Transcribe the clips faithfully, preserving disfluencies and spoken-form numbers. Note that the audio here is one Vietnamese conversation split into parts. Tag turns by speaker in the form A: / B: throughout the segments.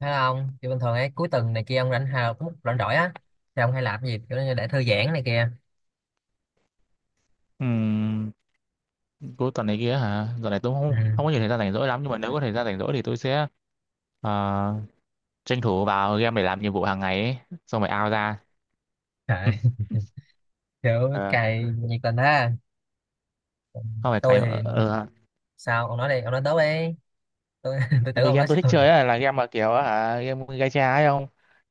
A: Thấy không? Thì bình thường ấy cuối tuần này kia ông rảnh hào cũng rảnh rỗi á thì ông hay làm cái gì kiểu như để thư giãn này kia.
B: Ừm, cuối tuần này kia hả? Giờ này tôi
A: Ừ.
B: không không có nhiều thời gian rảnh rỗi lắm, nhưng mà nếu có thời gian rảnh rỗi thì tôi sẽ ờ, tranh thủ vào game để làm nhiệm vụ hàng ngày ấy, xong rồi out ra.
A: À, kiểu
B: Ờ,
A: cày nhiệt tình ha. Còn
B: không phải
A: tôi
B: cày.
A: thì sao ông nói đi, ông nói tốt đi. Tôi tôi
B: Tại
A: tưởng
B: vì
A: ông
B: game
A: nói
B: tôi thích
A: sao rồi.
B: chơi á, là game mà kiểu hả game gacha ấy, không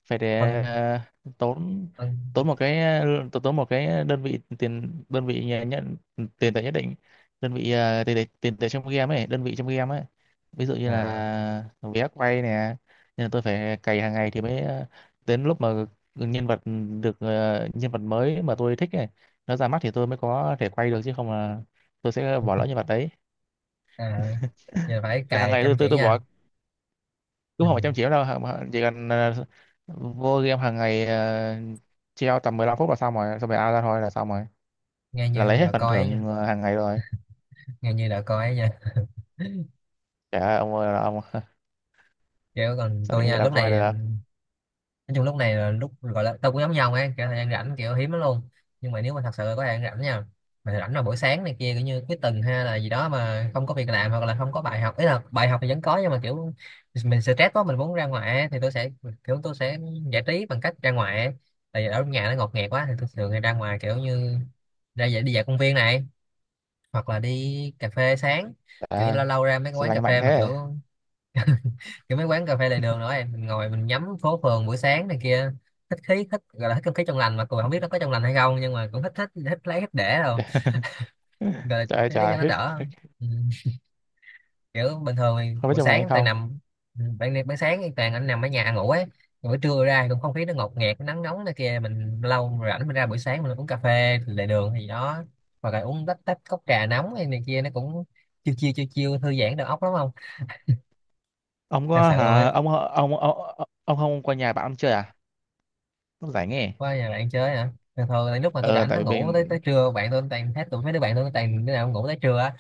B: phải
A: Ông
B: để ờ, tốn
A: ông
B: tốn một cái tốn tốn một cái đơn vị tiền, đơn vị nhà nhận tiền tệ nhất định, đơn vị ờ, tiền tệ tiền tệ trong game ấy, đơn vị trong game ấy, ví dụ như
A: à,
B: là vé quay nè. Nên là tôi phải cày hàng ngày thì mới ờ, đến lúc mà nhân vật được ờ, nhân vật mới mà tôi thích ấy nó ra mắt thì tôi mới có thể quay được, chứ không là tôi sẽ bỏ lỡ nhân vật đấy.
A: à, giờ phải
B: Là hàng
A: cày
B: ngày tôi
A: chăm
B: tôi
A: chỉ
B: tôi bỏ
A: nha.
B: đúng không phải
A: Ừ.
B: trăm triệu đâu hả- chỉ cần ờ, vô game hàng ngày ờ, treo tầm mười lăm phút là xong rồi, xong rồi out ra thôi là xong rồi,
A: Nghe
B: là
A: như
B: lấy hết
A: đạo
B: phần
A: coi ấy,
B: thưởng ờ, hàng ngày rồi.
A: nghe như đạo coi ấy nha.
B: Trời ơi ông ơi là ông
A: Kiểu còn
B: sao
A: tôi
B: định nghĩ
A: nha,
B: là
A: lúc
B: coi
A: này
B: được.
A: nói chung lúc này là lúc gọi là tao cũng giống nhau ấy, kiểu thời gian rảnh kiểu hiếm lắm luôn, nhưng mà nếu mà thật sự có thời gian rảnh nha, mà rảnh là buổi sáng này kia kiểu như cuối tuần hay là gì đó mà không có việc làm hoặc là không có bài học, ý là bài học thì vẫn có nhưng mà kiểu mình stress quá mình muốn ra ngoài ấy, thì tôi sẽ kiểu tôi sẽ giải trí bằng cách ra ngoài ấy. Tại vì ở nhà nó ngột ngạt quá thì tôi thường hay ra ngoài kiểu như ra dạy đi dạo công viên này hoặc là đi cà phê sáng,
B: Trời
A: kiểu như
B: ơi
A: lâu lâu ra mấy cái
B: sao
A: quán cà
B: lành mạnh
A: phê mà
B: thế.
A: kiểu kiểu mấy quán cà phê lề đường nữa em mình ngồi mình nhắm phố phường buổi sáng này kia, thích khí thích gọi là thích không khí trong lành mà còn không biết nó có trong lành hay không nhưng mà cũng thích thích thích lấy thích để rồi, rồi
B: Trời ơi
A: để nó cho
B: trời
A: nó
B: hết,
A: đỡ. Ừ. Kiểu bình thường thì
B: không biết
A: buổi
B: trong này hay
A: sáng toàn
B: không.
A: nằm, ừ, ban ban sáng thì toàn anh nằm ở nhà ngủ ấy. Còn buổi trưa ra cũng không khí nó ngột ngạt nó nắng nóng này kia, mình lâu rảnh mình ra buổi sáng mình uống cà phê lề đường gì đó, hoặc là uống tách tách cốc trà nóng hay này kia nó cũng chiêu chiêu chiêu chiêu thư giãn đầu óc lắm không,
B: Ông
A: thật
B: có
A: sự luôn
B: hả
A: á.
B: ông, ông ông ông, ông không qua nhà bạn ông chơi à, lúc rảnh nghe.
A: Qua nhà bạn chơi hả? Thường thường là lúc mà tôi
B: Ờ
A: rảnh
B: tại
A: nó
B: vì
A: ngủ tới tới
B: mình
A: trưa, bạn tôi toàn hết tụi mấy đứa bạn tôi nó toàn đứa nào cũng ngủ tới trưa á.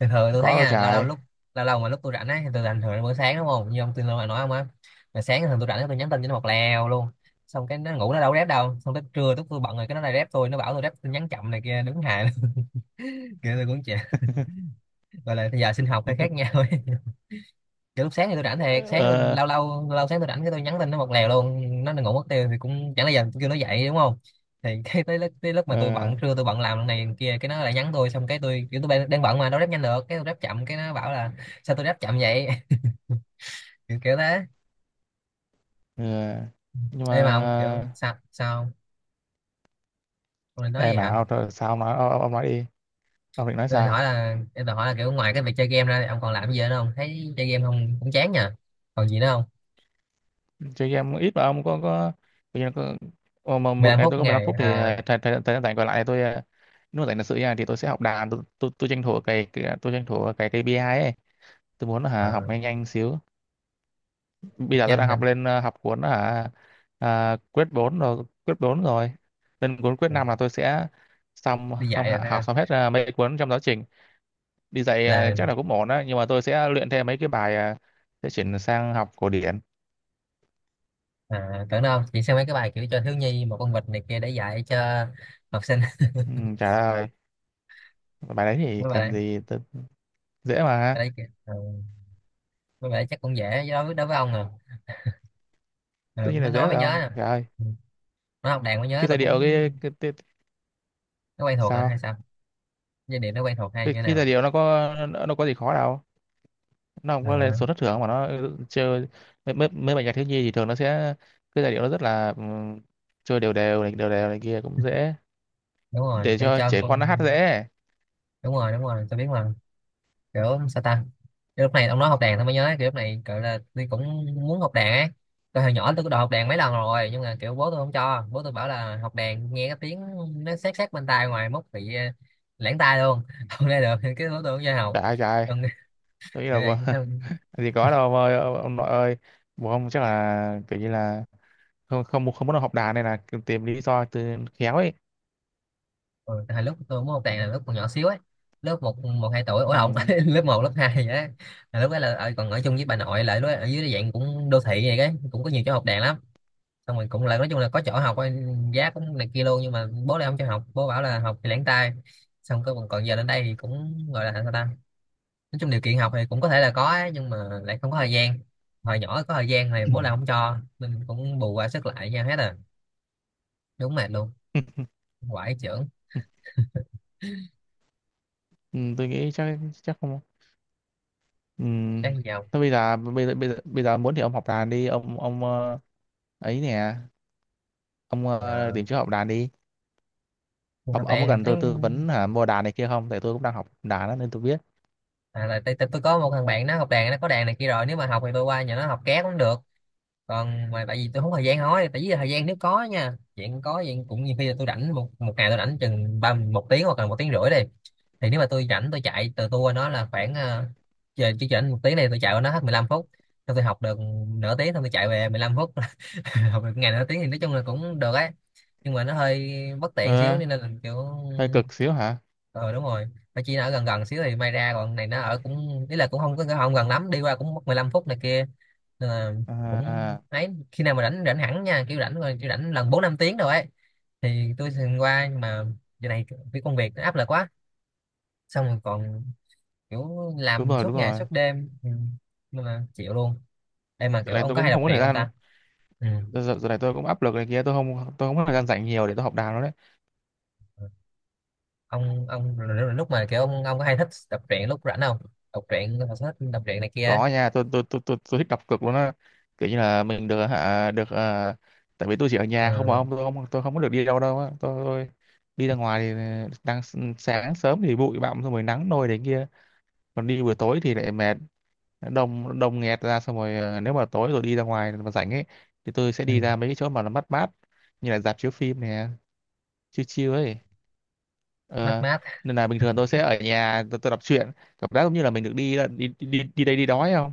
A: Thường thường tôi thấy
B: có đâu
A: nha, lâu lâu
B: trời.
A: lúc lâu lâu mà lúc tôi rảnh á thì tôi rảnh thường là buổi sáng đúng không, như ông tin nói ông á, mà sáng thường tôi rảnh tôi nhắn tin cho nó một lèo luôn, xong cái nó ngủ nó đâu có rep đâu, xong tới trưa lúc tôi bận rồi cái nó lại rep tôi, nó bảo tôi rep tin nhắn chậm này kia, đúng hài luôn. Kiểu tôi cũng chả gọi là bây giờ sinh học hơi khác nhau ấy. Cái lúc sáng thì tôi rảnh thiệt sáng tôi,
B: Ờ.
A: lâu lâu lâu sáng tôi rảnh cái tôi nhắn tin nó một lèo luôn, nó ngủ mất tiêu thì cũng chẳng là giờ tôi kêu nó dậy đúng không, thì cái tới lúc, tới lúc mà tôi
B: Ờ.
A: bận trưa tôi bận làm lần này lần kia cái nó lại nhắn tôi, xong cái tôi kiểu tôi đang đang bận mà đâu ráp nhanh được, cái tôi ráp chậm cái nó bảo là sao tôi ráp chậm vậy. Kiểu, kiểu thế.
B: Ờ. Nhưng
A: Ê mà ông kiểu
B: mà
A: sao sao ông Ông nói gì
B: em mà
A: hả?
B: ông, sao ông nói ông, ông nói đi, ông định nói
A: Tôi định hỏi
B: sao.
A: là em định hỏi là kiểu ngoài cái việc chơi game ra thì ông còn làm gì nữa không, thấy chơi game không cũng chán nha, còn gì nữa không?
B: Chơi game ít mà ông có có bây giờ có, ờ, mà một
A: mười lăm
B: ngày
A: phút
B: tôi có mười lăm
A: ngày
B: phút thì
A: à?
B: ờ, thời thời thời gian rảnh còn lại tôi ờ, nếu mà rảnh thật sự nha thì tôi sẽ học đàn. Tôi tôi, tôi tranh thủ cái, cái tôi tranh thủ cái kây pi ai ấy, tôi muốn hả, học
A: À,
B: nhanh nhanh xíu. Bây giờ tôi
A: nhanh
B: đang
A: nè.
B: học lên ờ, học cuốn hả à, quyết bốn rồi, quyết bốn rồi lên cuốn quyết năm là tôi sẽ xong,
A: Đi
B: xong
A: dạy rồi
B: hạ-
A: phải không?
B: học xong hết ờ, mấy cuốn trong giáo trình. Đi dạy
A: Là
B: ờ, chắc là cũng ổn đó, nhưng mà tôi sẽ luyện thêm mấy cái bài ờ, sẽ chuyển sang học cổ điển.
A: à, tưởng đâu chị xem mấy cái bài kiểu cho thiếu nhi một con vịt này kia để dạy cho học sinh.
B: Ừ, trả lời. Bài đấy thì
A: Mấy bài
B: cần
A: đấy,
B: gì tôi, dễ mà.
A: bài đấy, kìa. Ừ, mấy bài đấy chắc cũng dễ đối với đối với ông à. Ừ,
B: Tất nhiên
A: nó
B: là dễ
A: nói
B: rồi
A: mới nhớ
B: ông,
A: nè.
B: trời ơi.
A: Ừ, nó học đàn mới nhớ
B: Cái
A: tôi
B: giai
A: cũng,
B: điệu cái, cái, cái
A: nó quen thuộc à hay
B: sao,
A: sao, giai điệu nó quen thuộc hay như
B: cái,
A: thế
B: cái
A: nào.
B: giai điệu nó có nó, nó có gì khó đâu. Nó không có lên
A: Ờ,
B: số thất thường mà nó ừ, chơi mấy, mấy, mấy bài nhạc thiếu nhi thì thường nó sẽ, cái giai điệu nó rất là ừm, chơi đều đều này đều đều này kia, cũng dễ
A: đúng rồi
B: để
A: kiểu
B: cho
A: cho
B: trẻ con
A: con,
B: nó hát dễ.
A: đúng rồi đúng rồi tôi biết mà, kiểu sao ta. Cái lúc này ông nói học đàn tôi mới nhớ, kiểu lúc này gọi là tôi cũng muốn học đàn ấy, tôi hồi nhỏ tôi có đòi học đàn mấy lần rồi nhưng mà kiểu bố tôi không cho, bố tôi bảo là học đàn nghe cái tiếng nó sát sát bên tai ngoài mốt bị ờ, lãng tai luôn không nghe được cái bố tôi không cho học.
B: Trời ơi, trời ơi,
A: Còn
B: tôi nghĩ
A: kiểu
B: là bố-
A: này sao.
B: gì có đâu ông ơi ông, ông nội ơi. Bố ông chắc là kiểu như là không, không không muốn học đàn này, là tìm lý do từ khéo ấy.
A: Ừ, hồi lúc tôi muốn học đàn là lúc còn nhỏ xíu ấy, lớp một một hai tuổi, ủa lộn
B: Ừm.
A: lớp một lớp hai vậy đó. Là lúc đó là ở- còn ở chung với bà nội, lại lúc đó ở dưới cái dạng cũng đô thị vậy cái cũng có nhiều chỗ học đàn lắm, xong mình cũng là nói chung là có chỗ học, giá cũng này kia luôn, nhưng mà bố lại không cho học, bố bảo là học thì lẻn tay, xong cái còn giờ đến đây thì cũng gọi là sao ta, nói chung điều kiện học thì cũng có thể là có ấy, nhưng mà lại không có thời gian, hồi nhỏ có thời gian thì
B: Ừ.
A: bố lại không cho, mình cũng bù qua sức lại nha hết à, đúng mệt luôn, quải trưởng.
B: Ừ, tôi nghĩ chắc, chắc không. Ừ.
A: Cái gì không?
B: Thôi bây giờ bây giờ bây giờ, bây giờ muốn thì ông học đàn đi ông ông ờ, ấy nè, ông ờ,
A: À,
B: tìm chỗ học đàn đi.
A: học
B: Ông ông có
A: đàn
B: cần
A: thấy,
B: tôi tư vấn hả mua đàn này kia không, tại tôi cũng đang học đàn đó, nên tôi biết.
A: à, là tôi, tôi, tôi có một thằng bạn nó học đàn nó có đàn này kia rồi, nếu mà học thì tôi qua nhà nó học ké cũng được, còn mà tại vì tôi không có thời gian, nói tại vì thời gian nếu có nha, chuyện có chuyện cũng như khi là tôi rảnh một một ngày tôi rảnh chừng ba một tiếng hoặc là một tiếng rưỡi đi, thì nếu mà tôi rảnh tôi chạy từ tour nó là khoảng ờ, giờ chỉ rảnh một tiếng này tôi chạy qua nó hết mười lăm phút, xong tôi học được nửa tiếng xong tôi chạy về mười lăm phút, học được ngày nửa tiếng thì nói chung là cũng được ấy, nhưng mà nó hơi bất tiện xíu
B: Ờ,
A: nên là kiểu
B: hơi cực xíu hả.
A: ờ đúng rồi, mà chỉ là ở gần gần xíu thì may ra, còn này nó ở cũng ý là cũng không có không gần lắm, đi qua cũng mất mười lăm phút này kia, nên là cũng
B: À,
A: ấy, khi nào mà rảnh rảnh hẳn nha, kiểu rảnh rồi kiểu rảnh lần bốn năm tiếng rồi ấy thì tôi thường qua, nhưng mà giờ này cái công việc nó áp lực quá, xong rồi còn kiểu
B: đúng
A: làm
B: rồi đúng
A: suốt ngày
B: rồi
A: suốt đêm. Ừ. Nên là chịu luôn. Em mà
B: giờ
A: kiểu
B: này
A: ông
B: tôi
A: có hay
B: cũng không
A: đọc
B: có thời
A: truyện không
B: gian.
A: ta. Ừ.
B: Giờ, giờ này tôi cũng áp lực này kia, tôi không tôi không có thời gian rảnh nhiều để tôi học đàn đó.
A: ông ông rồi- rồi lúc mà kiểu ông ông có hay thích đọc truyện lúc rảnh không, đọc truyện thích đọc truyện này kia.
B: Có nha, tôi tôi tôi tôi, tôi thích đặt cược luôn á, kiểu như là mình được hả được à, tại vì tôi chỉ ở nhà không mà
A: Ừ.
B: ông, tôi không tôi không có được đi đâu đâu á, tôi, tôi đi ra ngoài thì ờ, đang s- sáng sớm thì bụi bặm, xong rồi nắng nôi đấy kia, còn đi buổi tối thì lại mệt, đông đông nghẹt ra, xong rồi à, nếu mà tối rồi đi ra ngoài mà rảnh ấy thì tôi sẽ
A: Ừ.
B: đi ra mấy cái chỗ mà nó mát mát, như là rạp chiếu phim nè, chill chill ấy.
A: Mát
B: Ờ,
A: mát.
B: nên là bình thường tôi sẽ ở nhà, tôi, tôi đọc truyện, cảm giác giống như là mình được đi đi đi đi đây đi đó ấy không.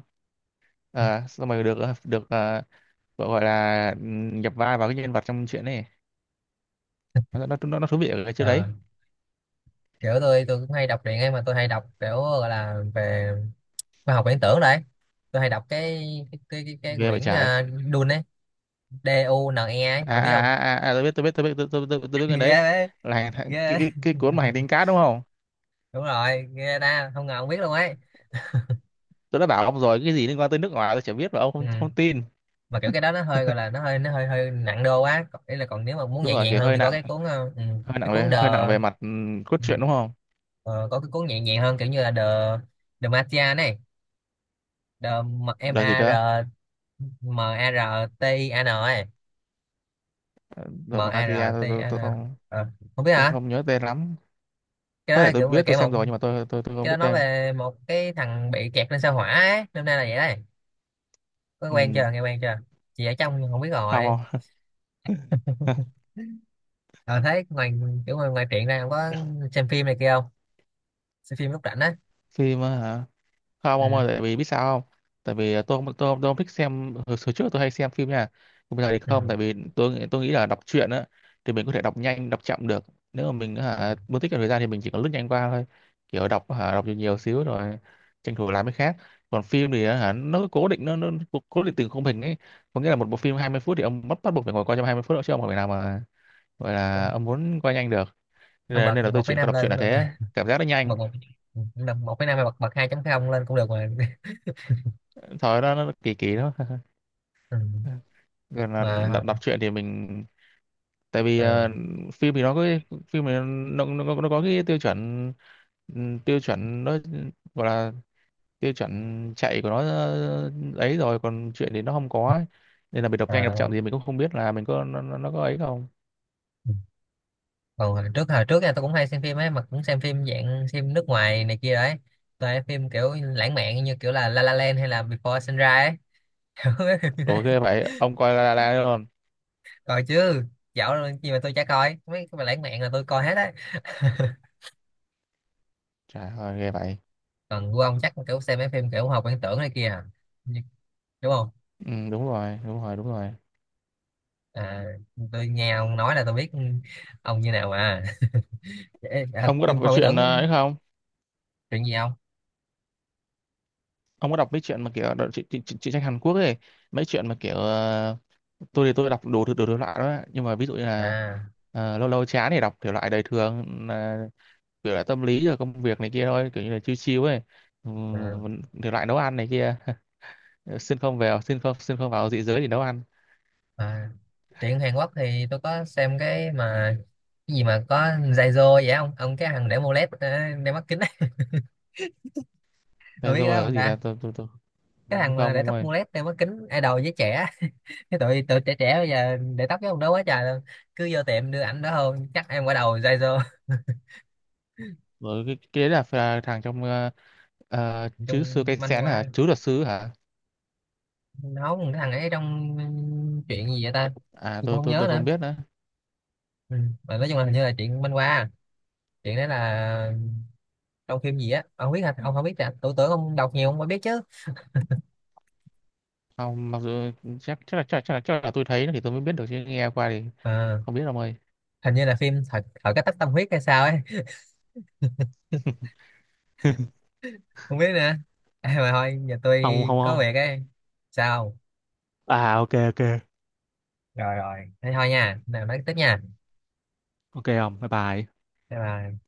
B: Ờ, xong rồi được ờ, được ờ, gọi, gọi là ừm, nhập vai vào cái nhân vật trong chuyện này, nó nó nó, nó thú vị ở cái chỗ đấy.
A: Ờ, kiểu tôi tôi cũng hay đọc truyện ấy, mà tôi hay đọc kiểu gọi là về khoa học viễn tưởng đấy, tôi hay đọc cái cái cái, cái, cái
B: Ghê vậy
A: quyển
B: trái.
A: uh, Dune ấy, D U N E ấy
B: à
A: ông biết
B: à
A: không.
B: à à à, tôi biết tôi biết tôi biết tôi tôi tôi, tôi biết cái
A: Ghê
B: đấy,
A: đấy,
B: là hành- hành- cái,
A: ghê đấy.
B: cái, cái cuốn mà hành tinh cát đúng không.
A: Đúng rồi, nghe ta không ngờ ông biết luôn ấy.
B: Tôi đã bảo ông rồi, cái gì liên quan tới nước ngoài tôi chả biết mà ông
A: Ừ.
B: không, không tin.
A: Mà kiểu cái đó nó hơi gọi là nó hơi nó hơi hơi nặng đô quá, còn, ý là còn nếu mà muốn
B: Đúng
A: nhẹ
B: rồi
A: nhàng
B: kiểu
A: hơn
B: hơi
A: thì có
B: nặng,
A: cái cuốn ờ, ừ,
B: hơi
A: cái
B: nặng
A: cuốn
B: về
A: The,
B: hơi nặng về mặt ừm, cốt
A: ừ,
B: truyện đúng không.
A: ờ, có cái cuốn nhẹ nhàng hơn kiểu như là The, The Martian này, The M
B: Là gì
A: A
B: cơ.
A: R M A R T I A N ấy, m
B: Rồi
A: A r
B: Matia, tôi, tôi
A: M A R T N
B: tôi
A: à,
B: không.
A: Ờ, không biết
B: Tôi
A: hả.
B: không nhớ tên lắm,
A: Cái đó
B: có thể
A: là
B: tôi
A: kiểu về
B: biết tôi
A: kể
B: xem
A: một,
B: rồi, nhưng mà tôi tôi tôi không
A: cái
B: biết
A: đó nói
B: tên.
A: về một cái thằng bị kẹt lên sao hỏa ấy. Năm nay là vậy đấy, có quen
B: Ừ.
A: chưa nghe quen chưa, chị ở trong không biết rồi.
B: Không. Không.
A: Ờ thấy ngoài, kiểu ngoài, ngoài truyện ra không có xem phim này kia không, xem phim lúc rảnh á.
B: Phim á hả? Không
A: Ừ.
B: ông ơi, tại vì biết sao không? Tại vì à, tôi không tôi, không- tôi không thích xem. Hồi, hồi trước tôi hay xem phim nha, nhưng bây giờ thì
A: Ừ.
B: không, tại vì tôi nghĩ- tôi nghĩ là đọc truyện á thì mình có thể đọc nhanh đọc chậm được. Nếu mà mình hả muốn tiết kiệm thời gian thì mình chỉ có lướt nhanh qua thôi, kiểu đọc hả đọc nhiều nhiều xíu rồi tranh thủ làm cái khác. Còn phim thì hả nó cố định, nó nó cố, cố định từng khung hình ấy, có nghĩa là một bộ phim hai mươi phút thì ông bắt, bắt buộc phải ngồi coi trong hai mươi phút đó, chứ ông không thể nào mà gọi là ông muốn coi nhanh được. nên
A: Ông
B: là,
A: bật
B: nên là tôi
A: một phẩy
B: chuyển qua
A: năm
B: đọc
A: lên
B: truyện là
A: cũng được.
B: thế, cảm giác nó nhanh.
A: Bật một, một phẩy năm hay bật bật hai chấm không lên cũng được mà.
B: Thôi nó, nó kỳ kỳ đó.
A: Ừ.
B: Gần là đọc,
A: mà
B: đọc truyện thì mình, tại vì
A: ờ,
B: ờ, phim thì nó có cái- phim thì nó, nó, nó, nó có cái tiêu chuẩn ừm, tiêu chuẩn nó gọi là tiêu chuẩn chạy của nó ờ, ấy, rồi còn truyện thì nó không có ấy. Nên là mình đọc nhanh đọc chậm
A: ờ.
B: thì mình cũng không biết là mình có nó, nó, nó có ấy không.
A: Còn hồi trước hồi trước nha tôi cũng hay xem phim ấy, mà cũng xem phim dạng phim nước ngoài này kia đấy, tôi hay phim kiểu lãng mạn như kiểu là La La Land hay là Before Sunrise ấy. Mấy phim như thế.
B: Ủa ghê vậy ông coi La La Land luôn.
A: Coi chứ, dạo rồi gì mà tôi chả coi, mấy cái mà lãng mạn là tôi coi hết đấy.
B: Trời ơi ghê vậy.
A: Còn của ông chắc kiểu xem mấy phim kiểu học viễn tưởng này kia à. Như- đúng không?
B: Ừ, đúng rồi đúng rồi đúng rồi.
A: À, tôi nghe ông nói là tôi biết ông như nào mà. Ê, à,
B: Ông có đọc
A: phim
B: cái
A: khoa viễn
B: chuyện ờ,
A: tưởng.
B: ấy không.
A: Chuyện gì không?
B: Ông có đọc mấy chuyện mà kiểu đọc, chị, chị, chị, truyện tranh Hàn Quốc ấy, mấy chuyện mà kiểu ờ, tôi thì tôi đọc đồ thứ đồ thể loại đó, nhưng mà ví dụ như là
A: À,
B: ờ, lâu lâu chán thì đọc thể loại đời thường, là kiểu là tâm lý rồi công việc này kia thôi, kiểu như là chill chill ấy. Ừ,
A: à
B: thể loại nấu ăn này kia. Xin không vào xin không xin không vào dị giới thì nấu ăn.
A: à, truyện Hàn Quốc thì tôi có xem cái mà cái gì mà có Zaizo vậy không ông, cái thằng để mô led ờ, đeo mắt kính. Tôi
B: Thế
A: biết cái
B: rồi
A: đó
B: là cái
A: không
B: gì
A: ta,
B: ta, tôi tôi tôi
A: cái thằng mà
B: không.
A: để
B: Ông
A: tóc
B: ơi
A: mô led đeo mắt kính idol với trẻ, cái tụi tụi trẻ trẻ bây giờ để tóc với ông đó quá trời luôn, cứ vô tiệm đưa ảnh đó hơn chắc em quả đầu Zaizo.
B: rồi cái, cái đấy là, là thằng trong ờ, ờ, chứ sư
A: Chung
B: cây
A: manh
B: xén
A: quá,
B: hả, chứ luật sư hả.
A: nấu cái thằng ấy trong chuyện gì vậy ta. Tôi
B: À
A: cũng
B: tôi
A: không
B: tôi
A: nhớ
B: tôi không
A: nữa.
B: biết nữa.
A: Ừ. Mà nói chung là hình như là chuyện manh qua, chuyện đó là trong phim gì á, ông không biết hả, ông không biết à, tôi tưởng ông đọc nhiều ông mới biết chứ.
B: Không, mặc dù chắc, chắc là chắc, chắc là chắc là tôi thấy nó thì tôi mới biết được, chứ nghe qua thì
A: À,
B: không biết ông ơi.
A: hình như là phim thật thật cái tách tâm huyết hay sao ấy. Không biết nữa. À, mà thôi giờ tôi
B: Không không
A: có
B: không.
A: việc ấy. Sao?
B: À ok ok.
A: Rồi rồi thế thôi nha, nào nói tiếp nha.
B: Ok không? Bye bye.
A: Bye bye.